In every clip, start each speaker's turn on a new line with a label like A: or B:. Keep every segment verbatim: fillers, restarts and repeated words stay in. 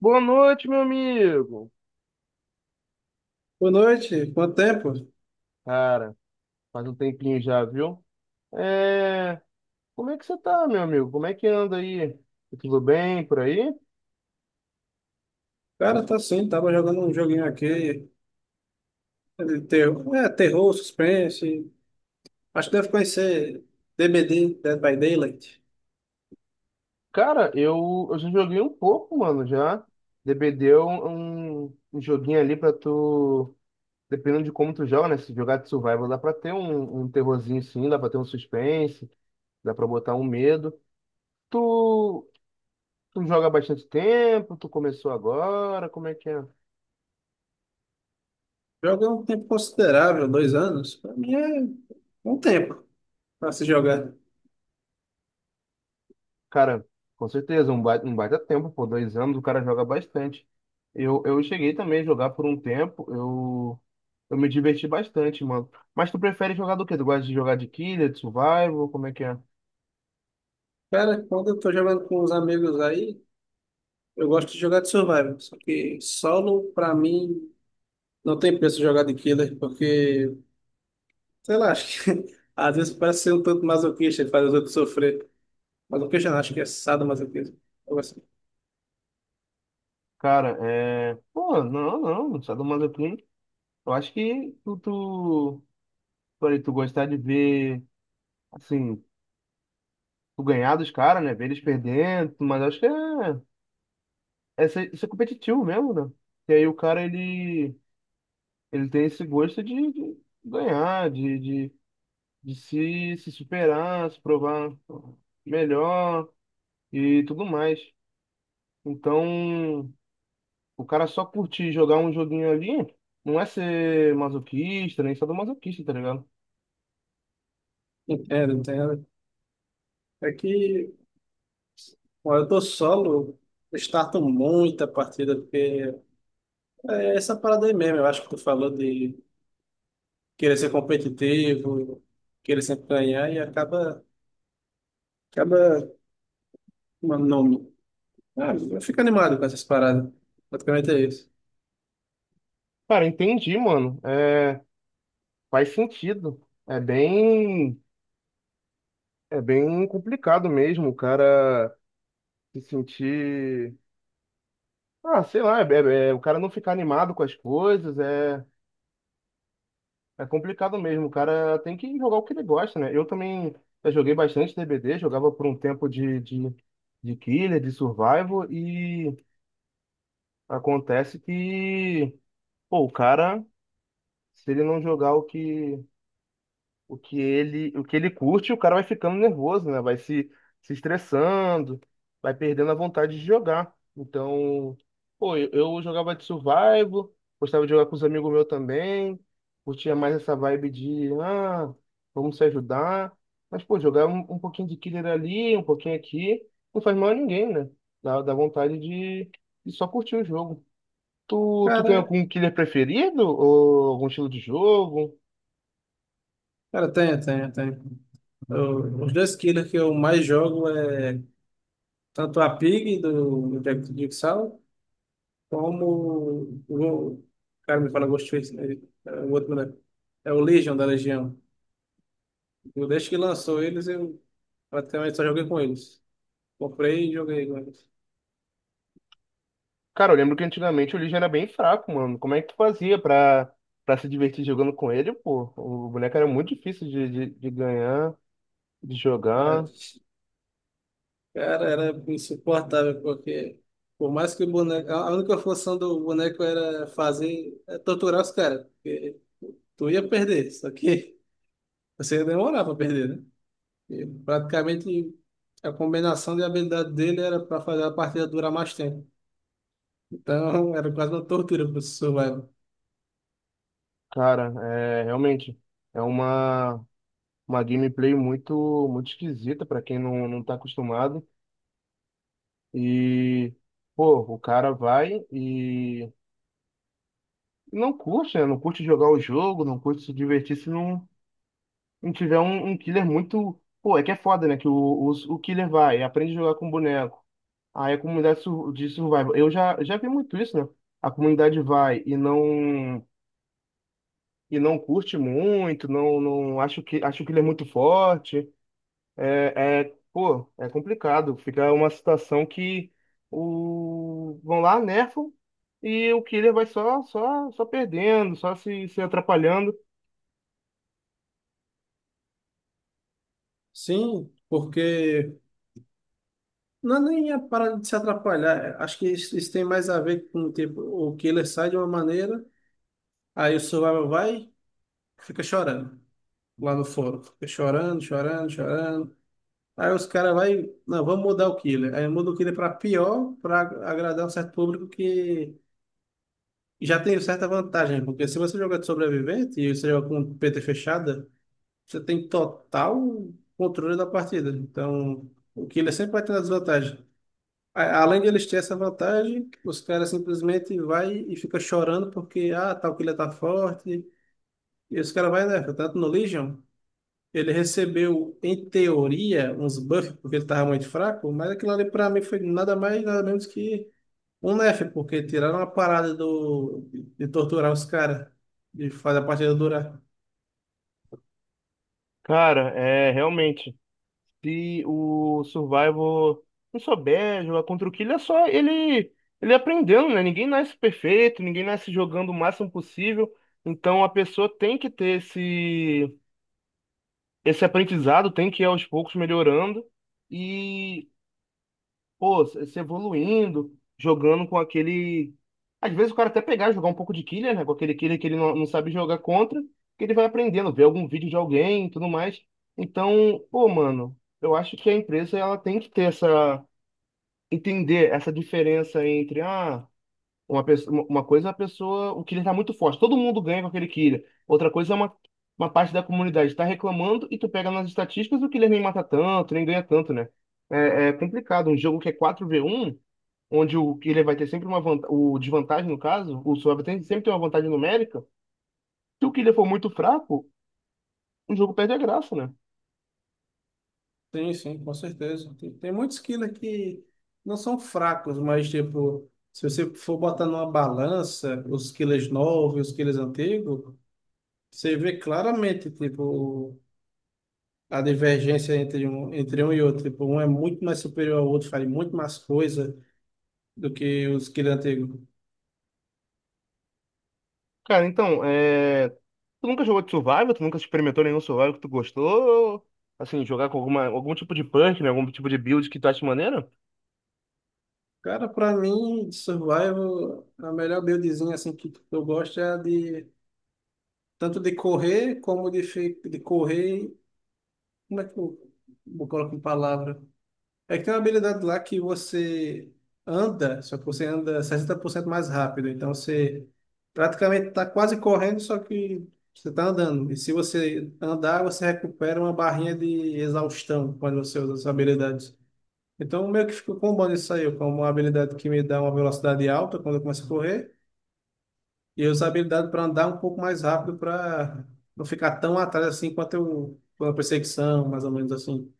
A: Boa noite, meu amigo.
B: Boa noite, quanto tempo?
A: Cara, faz um tempinho já, viu? É... Como é que você tá, meu amigo? Como é que anda aí? Tá Tudo bem por aí?
B: Cara, tá sim, tava jogando um joguinho aqui, de terror, é, terror, suspense, acho que deve conhecer D B D, Dead by Daylight.
A: Cara, eu, eu já joguei um pouco, mano, já. D B D é um, um um joguinho ali pra tu... Dependendo de como tu joga, né? Se jogar de survival, dá pra ter um, um terrorzinho sim, dá pra ter um suspense, dá pra botar um medo. Tu, tu joga há bastante tempo? Tu começou agora? Como é que é?
B: Joga há um tempo considerável, dois anos, pra mim é um tempo pra se jogar.
A: Cara, com certeza, um baita, um baita tempo, por dois anos o cara joga bastante. Eu, eu cheguei também a jogar por um tempo, eu, eu me diverti bastante, mano. Mas tu prefere jogar do quê? Tu gosta de jogar de killer, de survival, como é que é?
B: Cara, quando eu tô jogando com os amigos aí, eu gosto de jogar de survival, só que solo, pra mim, não tem preço jogar de killer, porque, sei lá, acho que às vezes parece ser um tanto masoquista e faz os outros sofrer. Mas o que eu já acho que é sadomasoquismo. Algo assim.
A: Cara, é... pô, não, não, sadomasoquismo. Eu acho que tu, tu... falei, tu gostar de ver, assim, tu ganhar dos caras, né? Ver eles perdendo, mas eu acho que é... é ser- isso é competitivo mesmo, né? E aí o cara, ele... ele tem esse gosto de, de ganhar, de, de, de se, se superar, se provar melhor e tudo mais. Então, o cara só curtir jogar um joguinho ali não é ser masoquista, nem sadomasoquista, tá ligado?
B: Entendo, entendo. É que, bom, eu tô solo, eu starto muita partida, porque é essa parada aí mesmo. Eu acho que tu falou de querer ser competitivo, querer sempre ganhar, e acaba, acaba, mano, não, ah, eu fico animado com essas paradas. Praticamente é isso.
A: Cara, entendi, mano. É, faz sentido. É bem, é bem complicado mesmo o cara se sentir. Ah, sei lá, é- é- é o cara não ficar animado com as coisas, é. É complicado mesmo, o cara tem que jogar o que ele gosta, né? Eu também já joguei bastante D B D, jogava por um tempo de, de, de killer, de survival, e acontece que, pô, o cara, se ele não jogar o que, o que ele, o que ele curte, o cara vai ficando nervoso, né? Vai se, se estressando, vai perdendo a vontade de jogar. Então, pô, eu, eu jogava de survival, gostava de jogar com os amigos meus também, curtia mais essa vibe de, ah, vamos se ajudar. Mas, pô, jogar um, um pouquinho de killer ali, um pouquinho aqui, não faz mal a ninguém, né? Dá, dá vontade de, de só curtir o jogo. Tu, tu tem
B: Cara,
A: algum killer preferido? Ou algum estilo de jogo?
B: cara, tem, tem, tem. Eu- Os dois killers que eu mais jogo é tanto a Pig do, do Jack do Jigsaw, como o o cara me fala Ghostface, né? É o outro, né? É o Legion da Legião. Eu, desde que lançou eles, eu praticamente só joguei com eles. Comprei e joguei com eles.
A: Cara, eu lembro que antigamente o Legion era bem fraco, mano. Como é que tu fazia pra, pra se divertir jogando com ele, pô? O boneco era muito difícil de, de, de ganhar, de
B: Ah,
A: jogar.
B: cara, era insuportável, porque por mais que o boneco. A a única função do boneco era fazer. É torturar os caras. Porque tu ia perder, só que você ia demorar pra perder, né? E praticamente a combinação de habilidade dele era pra fazer a partida durar mais tempo. Então, era quase uma tortura para o professor Leno.
A: Cara, é realmente. É uma, uma gameplay muito, muito esquisita pra quem não, não tá acostumado. E, pô, o cara vai e não curte, né? Não curte jogar o jogo, não curte se divertir se não, não tiver um, um killer muito. Pô, é que é foda, né? Que o, o, o killer vai, aprende a jogar com o boneco. Aí a comunidade sur- de survival. Eu já, já vi muito isso, né? A comunidade vai e não e não curte muito, não, não acho que acho que ele é muito forte. É, é, pô, é complicado. Fica uma situação que o vão lá, nerfam e o killer vai só só só perdendo, só se, se atrapalhando.
B: Sim, porque não é nem a parada de se atrapalhar. É, acho que isso, isso tem mais a ver com tipo, o killer sai de uma maneira, aí o survival vai, fica chorando lá no fórum. Fica chorando, chorando, chorando. Aí os caras vai, não, vamos mudar o killer. Aí muda o killer para pior, para agradar um certo público que já tem certa vantagem. Porque se você joga de sobrevivente e você joga com P T fechada, você tem total controle da partida. Então, o killer sempre vai ter a desvantagem. A- Além de eles terem essa vantagem, os caras simplesmente vai e fica chorando porque, ah, tal killer tá forte. E os caras vai, né? Tanto no Legion, ele recebeu, em teoria, uns buffs porque ele tava muito fraco, mas aquilo ali pra mim foi nada mais, nada menos que um nerf, porque tiraram a parada do, de torturar os caras, de fazer a partida durar.
A: Cara, é realmente. Se o Survival não souber jogar contra o Killer, é só ele, ele aprendendo, né? Ninguém nasce perfeito, ninguém nasce jogando o máximo possível. Então a pessoa tem que ter esse, esse aprendizado, tem que ir aos poucos melhorando. E pô, se se evoluindo, jogando com aquele. Às vezes o cara até pegar, jogar um pouco de killer, né? Com aquele killer que ele não, não sabe jogar contra, que ele vai aprendendo, ver algum vídeo de alguém e tudo mais. Então, pô, mano, eu acho que a empresa ela tem que ter essa. Entender essa diferença entre, ah, uma, pessoa, uma uma coisa é a pessoa. O killer tá muito forte, todo mundo ganha com aquele killer. Outra coisa é uma. Uma parte da comunidade tá reclamando e tu pega nas estatísticas o killer nem mata tanto, nem ganha tanto, né? É, é complicado. Um jogo que é quatro v um onde o Killer vai ter sempre uma vantagem, o desvantagem no caso, o Suave tem, sempre tem uma vantagem numérica, se o Killer for muito fraco, o jogo perde a graça, né?
B: Sim, sim, com certeza. Tem, tem muitos quilos que não são fracos, mas tipo, se você for botar numa balança os quilos novos e os quilos antigos, você vê claramente, tipo, a divergência entre um, entre um e outro. Tipo, um é muito mais superior ao outro, faz muito mais coisa do que os quilos antigos.
A: Cara, então, é... tu nunca jogou de Survival? Tu nunca experimentou nenhum Survival que tu gostou? Assim, jogar com alguma, algum tipo de punk, né? Algum tipo de build que tu acha maneiro?
B: Cara, pra mim, de Survival, a melhor buildzinha assim que eu gosto é a de tanto de correr como de, fi- de correr. Como é que eu, eu coloco em palavra? É que tem uma habilidade lá que você anda, só que você anda sessenta por cento mais rápido. Então você praticamente está quase correndo, só que você está andando. E se você andar, você recupera uma barrinha de exaustão quando você usa essa habilidade. Então meio que ficou combando isso aí, como uma habilidade que me dá uma velocidade alta quando eu começo a correr, e eu uso a habilidade para andar um pouco mais rápido para não ficar tão atrás assim quanto eu, quando a perseguição, mais ou menos assim.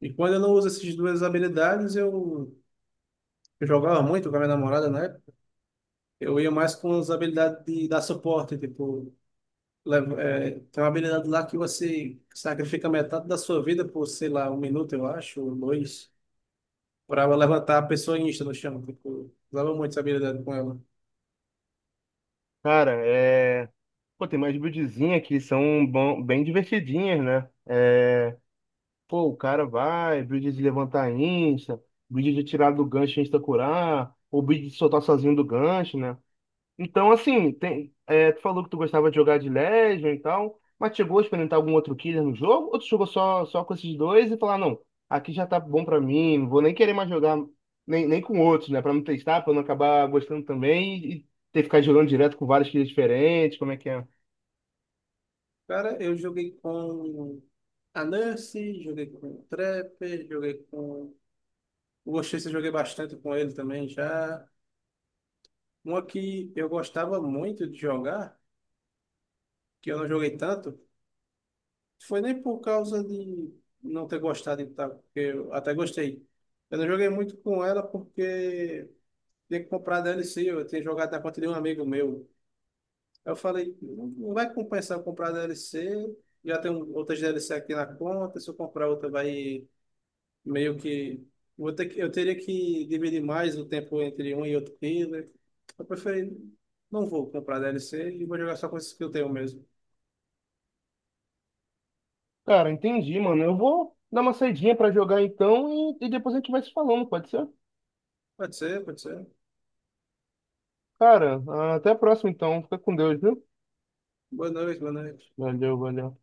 B: E quando eu não uso essas duas habilidades, eu Eu jogava muito com a minha namorada, né? Eu ia mais com as habilidades de dar suporte, tipo, leva- é, tem uma habilidade lá que você sacrifica metade da sua vida por, sei lá, um minuto, eu acho, ou dois, para levantar a pessoa insta no chão. Tipo, usava muito essa habilidade com ela.
A: Cara, é... pô, tem mais buildzinha que são bom- bem divertidinhas, né? É... Pô, o cara vai, build de levantar insta, build de tirar do gancho e insta curar, ou build de soltar sozinho do gancho, né? Então, assim, tem, é, tu falou que tu gostava de jogar de Legion e tal, mas chegou a experimentar algum outro killer no jogo? Ou tu jogou só, só com esses dois e falar, não, aqui já tá bom pra mim, não vou nem querer mais jogar nem, nem com outros, né? Pra não testar, pra não acabar gostando também e ter que ficar jogando direto com vários killers diferentes, como é que é?
B: Cara, eu joguei com a Nurse, joguei com o Trapper, joguei com. O Oxês eu joguei bastante com ele também já. Uma que eu gostava muito de jogar, que eu não joguei tanto. Foi nem por causa de não ter gostado de tal, porque eu até gostei. Eu não joguei muito com ela porque tinha que comprar D L C, eu tinha jogado na conta de um amigo meu. Aí eu falei, não não vai compensar eu comprar D L C, já tem outras D L C aqui na conta, se eu comprar outra vai meio que... Vou ter que- eu teria que dividir mais o tempo entre um e outro killer. Eu preferi, não vou comprar D L C e vou jogar só com esses que eu tenho mesmo.
A: Cara, entendi, mano. Eu vou dar uma saidinha pra jogar então e, e depois a gente vai se falando, pode ser?
B: Pode ser, pode ser.
A: Cara, até a próxima então. Fica com Deus, viu?
B: Boa noite, boa noite.
A: Valeu, valeu.